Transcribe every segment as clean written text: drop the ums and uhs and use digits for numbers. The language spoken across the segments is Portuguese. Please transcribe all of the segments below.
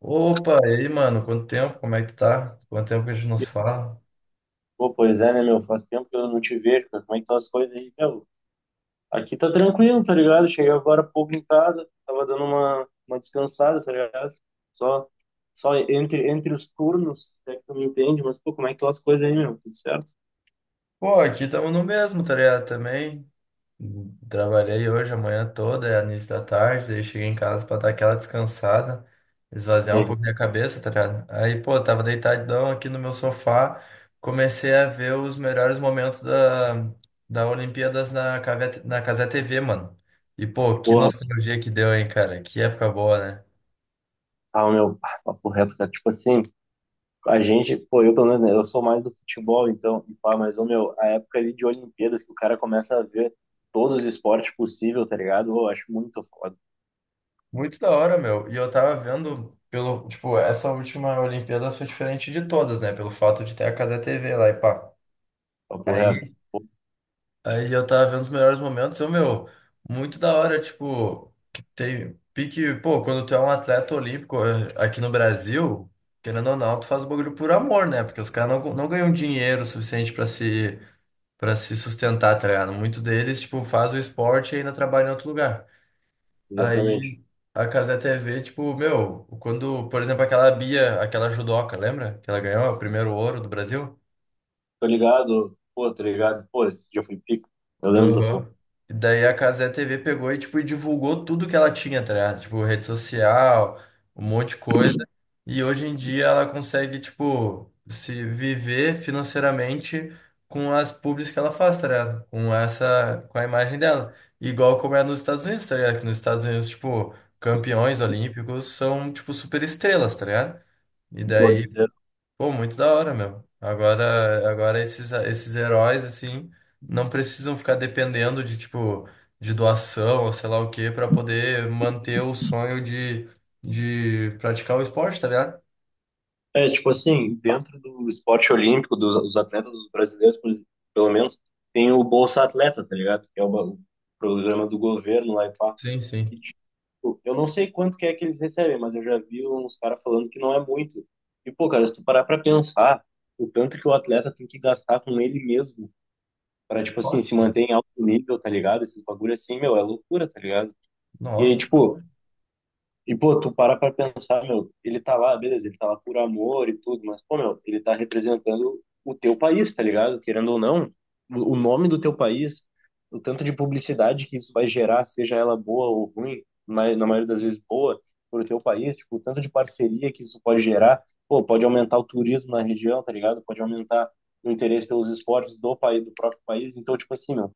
Opa, e aí, mano? Quanto tempo? Como é que tu tá? Quanto tempo que a gente não E, se fala? Pô, pois é, né, meu? Faz tempo que eu não te vejo, cara. Como é que estão as coisas aí, meu? Aqui tá tranquilo, tá ligado? Cheguei agora há pouco em casa, tava dando uma descansada, tá ligado? Só, só entre os turnos, é que tu me entende, mas, pô, como é que estão as coisas aí, meu? Tudo certo? Pô, aqui estamos no mesmo, tá ligado? Também trabalhei hoje, a manhã toda, é início da tarde, daí cheguei em casa pra dar aquela descansada, esvaziar um E, pouco minha cabeça, tá ligado? Aí, pô, tava deitadão aqui no meu sofá, comecei a ver os melhores momentos da Olimpíadas na Cazé TV, mano. E, pô, que Porra, nostalgia que deu, hein, cara? Que época boa, né? ah, meu, pá, papo reto, cara. Tipo assim, a gente, pô, eu pelo menos, né, eu sou mais do futebol, então, e pá, mas, ô, meu, a época ali de Olimpíadas que o cara começa a ver todos os esportes possíveis, tá ligado? Eu acho muito foda, Muito da hora, meu. E eu tava vendo pelo, tipo, essa última Olimpíada foi diferente de todas, né? Pelo fato de ter a Cazé TV lá e pá. papo Aí, reto. aí eu tava vendo os melhores momentos, eu, meu, muito da hora, tipo, que tem pique, pô, quando tu é um atleta olímpico aqui no Brasil, querendo ou não, tu faz o bagulho por amor, né? Porque os caras não ganham dinheiro suficiente pra se para se sustentar, tá ligado? Muito deles, tipo, faz o esporte e ainda trabalha em outro lugar. Aí Exatamente. a Cazé TV, tipo, meu, quando, por exemplo, aquela Bia, aquela judoca, lembra? Que ela ganhou o primeiro ouro do Brasil? Tô ligado, pô, esse dia foi pico. Eu lembro dessa porra. Aham. E daí a Casé TV pegou e, tipo, e divulgou tudo que ela tinha, tá ligado? Tipo, rede social, um monte de coisa. E hoje em dia ela consegue, tipo, se viver financeiramente com as publis que ela faz, tá ligado? Com essa, com a imagem dela. Igual como é nos Estados Unidos, tá ligado? Que nos Estados Unidos, tipo, campeões olímpicos são, tipo, super estrelas, tá ligado? E Pô, daí. literal. Pô, muito da hora, meu. Agora esses heróis, assim, não precisam ficar dependendo de, tipo, de doação ou sei lá o quê pra poder manter o sonho de praticar o esporte, tá ligado? É, tipo assim, dentro do esporte olímpico, dos os atletas brasileiros, pelo menos, tem o Bolsa Atleta, tá ligado? Que é o programa do governo lá e pá. Sim, sim. E, tipo, eu não sei quanto que é que eles recebem, mas eu já vi uns caras falando que não é muito. E, pô, cara, se tu parar pra pensar, o tanto que o atleta tem que gastar com ele mesmo pra, tipo assim, se manter em alto nível, tá ligado? Esses bagulho assim, meu, é loucura, tá ligado? E aí, Nossa, que tipo, louco. E, pô, tu para pra pensar, meu, ele tá lá, beleza, ele tá lá por amor e tudo, mas, pô, meu, ele tá representando o teu país, tá ligado? Querendo ou não, o nome do teu país, o tanto de publicidade que isso vai gerar, seja ela boa ou ruim, mas na maioria das vezes boa, pro teu país, tipo, o tanto de parceria que isso pode gerar, pô, pode aumentar o turismo na região, tá ligado? Pode aumentar o interesse pelos esportes do país, do próprio país. Então, tipo assim, meu,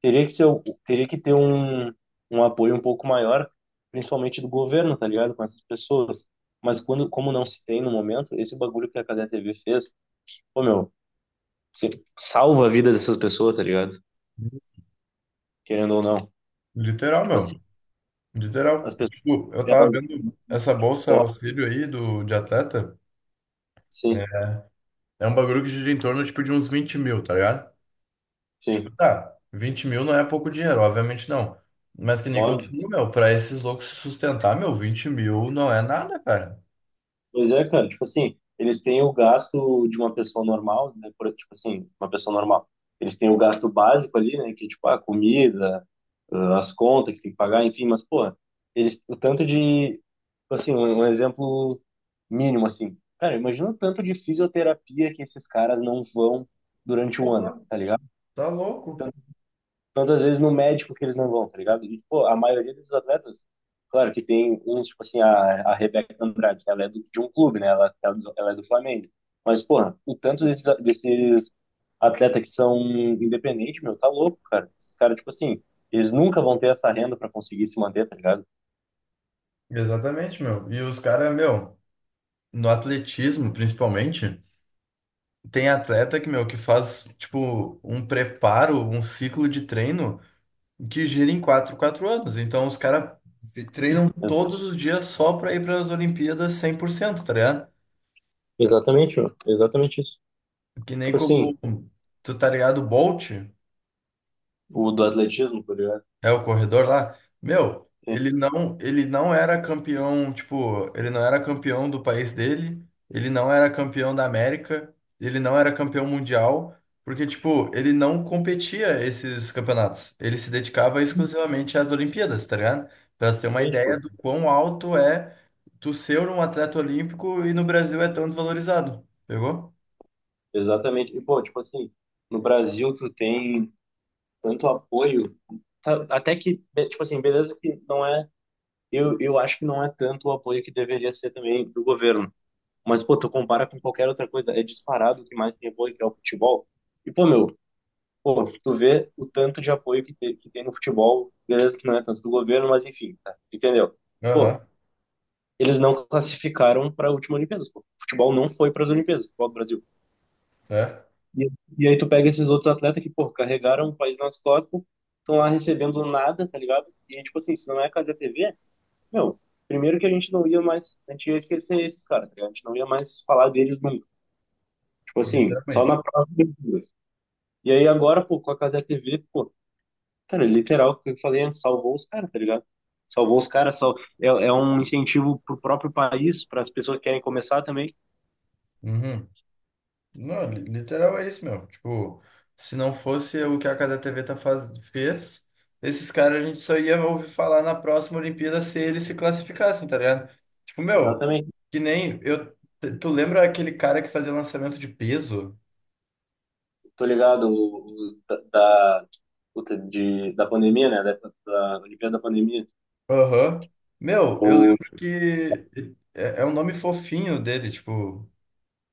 Teria que ter um apoio um pouco maior, principalmente do governo, tá ligado? Com essas pessoas. Mas quando, como não se tem no momento, esse bagulho que a Cadê TV fez, pô, meu, você salva a vida dessas pessoas, tá ligado? Querendo ou não. Literal, Tipo assim, meu. as Literal. E, pessoas, tipo, eu tava elas, vendo essa bolsa auxílio aí do, de atleta. É sim, é um bagulho que gira em torno, tipo, de uns 20 mil, tá ligado? Tipo, sim, tá, 20 mil não é pouco dinheiro, obviamente não. Mas que nem como tu óbvio. falou, meu, pra esses loucos se sustentar, meu, 20 mil não é nada, cara. Pois é, cara, tipo assim, eles têm o gasto de uma pessoa normal, né, por, tipo assim, uma pessoa normal. Eles têm o gasto básico ali, né, que é, tipo, a comida, ah, as contas que tem que pagar, enfim, mas, porra, eles, o tanto de, tipo assim, um exemplo mínimo, assim, cara, imagina o tanto de fisioterapia que esses caras não vão durante o ano, Porra, tá ligado? tá louco. Todas as vezes no médico que eles não vão, tá ligado? E, pô, a maioria desses atletas, claro que tem uns, tipo assim, a Rebeca Andrade, ela é do, de um clube, né? Ela é do Flamengo. Mas, porra, o tanto desses atletas que são independentes, meu, tá louco, cara. Esses caras, tipo assim, eles nunca vão ter essa renda pra conseguir se manter, tá ligado? Exatamente, meu. E os caras, meu, no atletismo, principalmente, tem atleta que, meu, que faz, tipo, um preparo, um ciclo de treino que gira em quatro anos. Então, os caras treinam É, todos os dias só pra ir pras Olimpíadas 100%, tá ligado? exatamente, meu. Exatamente isso. Que nem Tipo assim, como, tu tá ligado, o Bolt? o do atletismo, tá ligado? É o corredor lá? Meu, Tem- ele não era campeão, tipo, ele não era campeão do país dele, ele não era campeão da América, ele não era campeão mundial, porque, tipo, ele não competia esses campeonatos. Ele se dedicava exclusivamente às Olimpíadas, tá ligado? Pra você ter uma Exatamente, pô. ideia do quão alto é tu ser um atleta olímpico e no Brasil é tão desvalorizado. Pegou? Exatamente. E, pô, tipo assim, no Brasil tu tem tanto apoio, até que, tipo assim, beleza que não é, eu acho que não é tanto o apoio que deveria ser também do governo, mas, pô, tu compara com qualquer outra coisa, é disparado o que mais tem apoio, que é o futebol, e, pô, meu, pô, tu vê o tanto de apoio que tem, no futebol, beleza que não é tanto do governo, mas enfim, tá, entendeu? Pô, Aham, eles não classificaram para a última Olimpíadas, pô, o futebol não foi para as Olimpíadas, o futebol do Brasil. é. E, e aí tu pega esses outros atletas que, pô, carregaram o país nas costas, estão lá recebendo nada, tá ligado? E, tipo assim, se não é a Casa TV, meu, primeiro que a gente não ia mais, a gente ia esquecer esses caras, tá ligado? A gente não ia mais falar deles nunca. Tipo assim, só na Literalmente. próxima. E aí agora, pô, com a Casa TV, pô, cara, literal, o que eu falei antes, salvou os caras, tá ligado? Salvou os caras, é um incentivo pro próprio país, para as pessoas que querem começar também. Uhum. Não, literal é isso, meu. Tipo, se não fosse o que a Casa TV tá fez, esses caras a gente só ia ouvir falar na próxima Olimpíada se eles se classificassem, tá ligado? Tipo, meu, Exatamente. que nem eu. Tu lembra aquele cara que fazia lançamento de peso? Tô ligado, o da, puta, de, da pandemia, né? Da Olimpíada da pandemia. Aham. Meu, eu O, lembro que é um nome fofinho dele, tipo.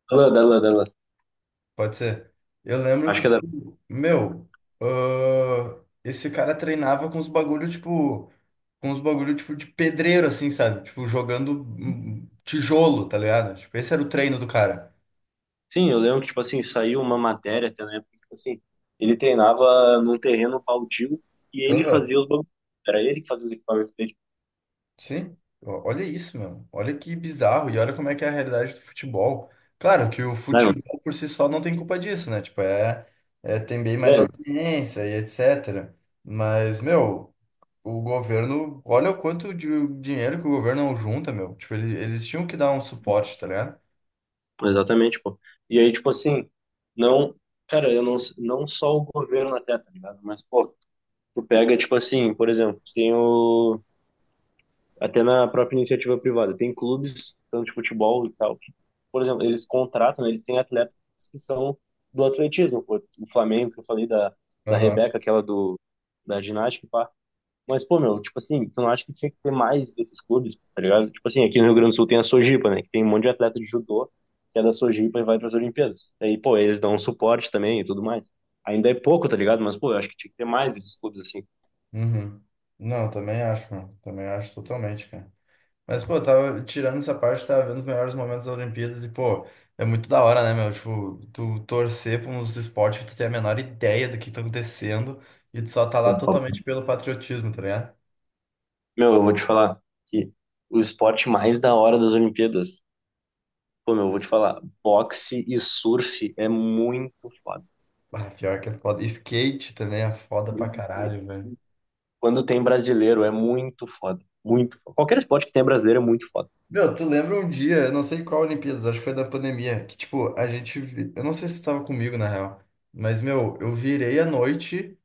dela, Pode ser. Eu lembro Acho que, que é da. tipo, meu, esse cara treinava com os bagulho, tipo, de pedreiro, assim, sabe? Tipo, jogando tijolo, tá ligado? Tipo, esse era o treino do cara. Sim, eu lembro que, tipo assim, saiu uma matéria até na época, que, tipo assim, ele treinava num terreno baldio e ele Aham. fazia os bagulhos. Era ele que fazia os equipamentos dele. Sim. Ó, olha isso, meu. Olha que bizarro. E olha como é que é a realidade do futebol. Claro que o Não, futebol por si só não tem culpa disso, né? Tipo, é tem bem mais é, audiência e etc. Mas, meu. O governo, olha o quanto de dinheiro que o governo não junta, meu. Tipo, eles tinham que dar um suporte, tá ligado? exatamente, pô. E aí, tipo assim, não. Cara, eu não, não só o governo até, tá ligado? Mas, pô, tu pega, tipo assim, por exemplo, tem o. Até na própria iniciativa privada. Tem clubes, tanto de futebol e tal, que, por exemplo, eles contratam, né, eles têm atletas que são do atletismo. Pô. O Flamengo, que eu falei da Aham. Rebeca, aquela do, da ginástica, e pá. Mas, pô, meu, tipo assim, tu não acha que tinha que ter mais desses clubes, tá ligado? Tipo assim, aqui no Rio Grande do Sul tem a Sojipa, né? Que tem um monte de atleta de judô que é da Sojipa e vai para as Olimpíadas. Aí, pô, eles dão um suporte também e tudo mais. Ainda é pouco, tá ligado? Mas, pô, eu acho que tinha que ter mais desses clubes, assim. Uhum. Não, também acho, mano. Também acho totalmente, cara. Mas, pô, eu tava tirando essa parte, tava vendo os melhores momentos das Olimpíadas e, pô, é muito da hora, né, meu? Tipo, tu torcer pra uns esportes que tu tem a menor ideia do que tá acontecendo e tu só tá lá totalmente pelo patriotismo, tá ligado? Meu, eu vou te falar que o esporte mais da hora das Olimpíadas, pô, meu, eu vou te falar, boxe e surf é muito foda. Ah, pior que é foda. Skate também é foda pra caralho, velho. Quando tem brasileiro é muito foda, muito foda. Qualquer esporte que tem brasileiro é muito foda. Meu, tu lembra um dia, eu não sei qual Olimpíadas, acho que foi da pandemia, que tipo, eu não sei se tu tava comigo na real, mas meu, eu virei à noite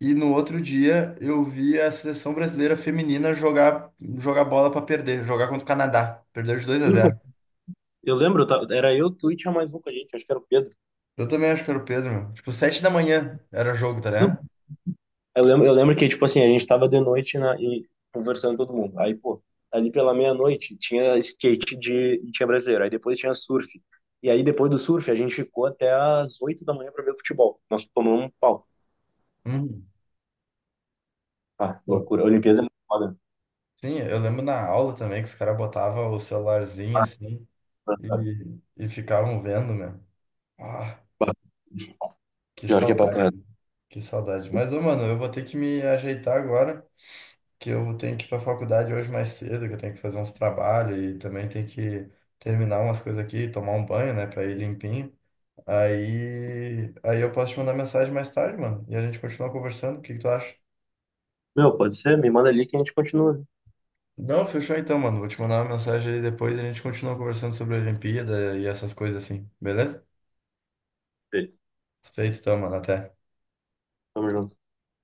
e no outro dia eu vi a seleção brasileira feminina jogar, bola pra perder, jogar contra o Canadá, perdeu de 2 a E, pô, zero. eu lembro, era eu, tu e tinha mais um com a gente, acho que era o Pedro. Eu também acho que era o Pedro, meu. Tipo, 7 da manhã era jogo, tá ligado? Eu lembro que, tipo assim, a gente tava de noite na, e conversando todo mundo. Aí, pô, ali pela meia-noite tinha skate de, e tinha brasileiro. Aí depois tinha surf. E aí depois do surf a gente ficou até às 8 da manhã pra ver o futebol. Nós tomamos um pau. Uhum. Ah, Pô, loucura. A Olimpíada é muito foda. sim, eu lembro na aula também que os caras botavam o celularzinho Ah, assim ah, e ficavam vendo, meu. Ah. ah. Que Pior que é papo saudade, reto. mano. Que saudade. Mas, ô, mano, eu vou ter que me ajeitar agora, que eu tenho que ir pra faculdade hoje mais cedo, que eu tenho que fazer uns trabalhos e também tenho que terminar umas coisas aqui, tomar um banho, né, pra ir limpinho. Aí eu posso te mandar mensagem mais tarde, mano, e a gente continua conversando. O que que tu acha? Meu, pode ser? Me manda ali que a gente continua. Não, fechou então, mano. Vou te mandar uma mensagem aí depois e a gente continua conversando sobre a Olimpíada e essas coisas assim, beleza? Beijo. Feito então, mano. Até. Tamo junto.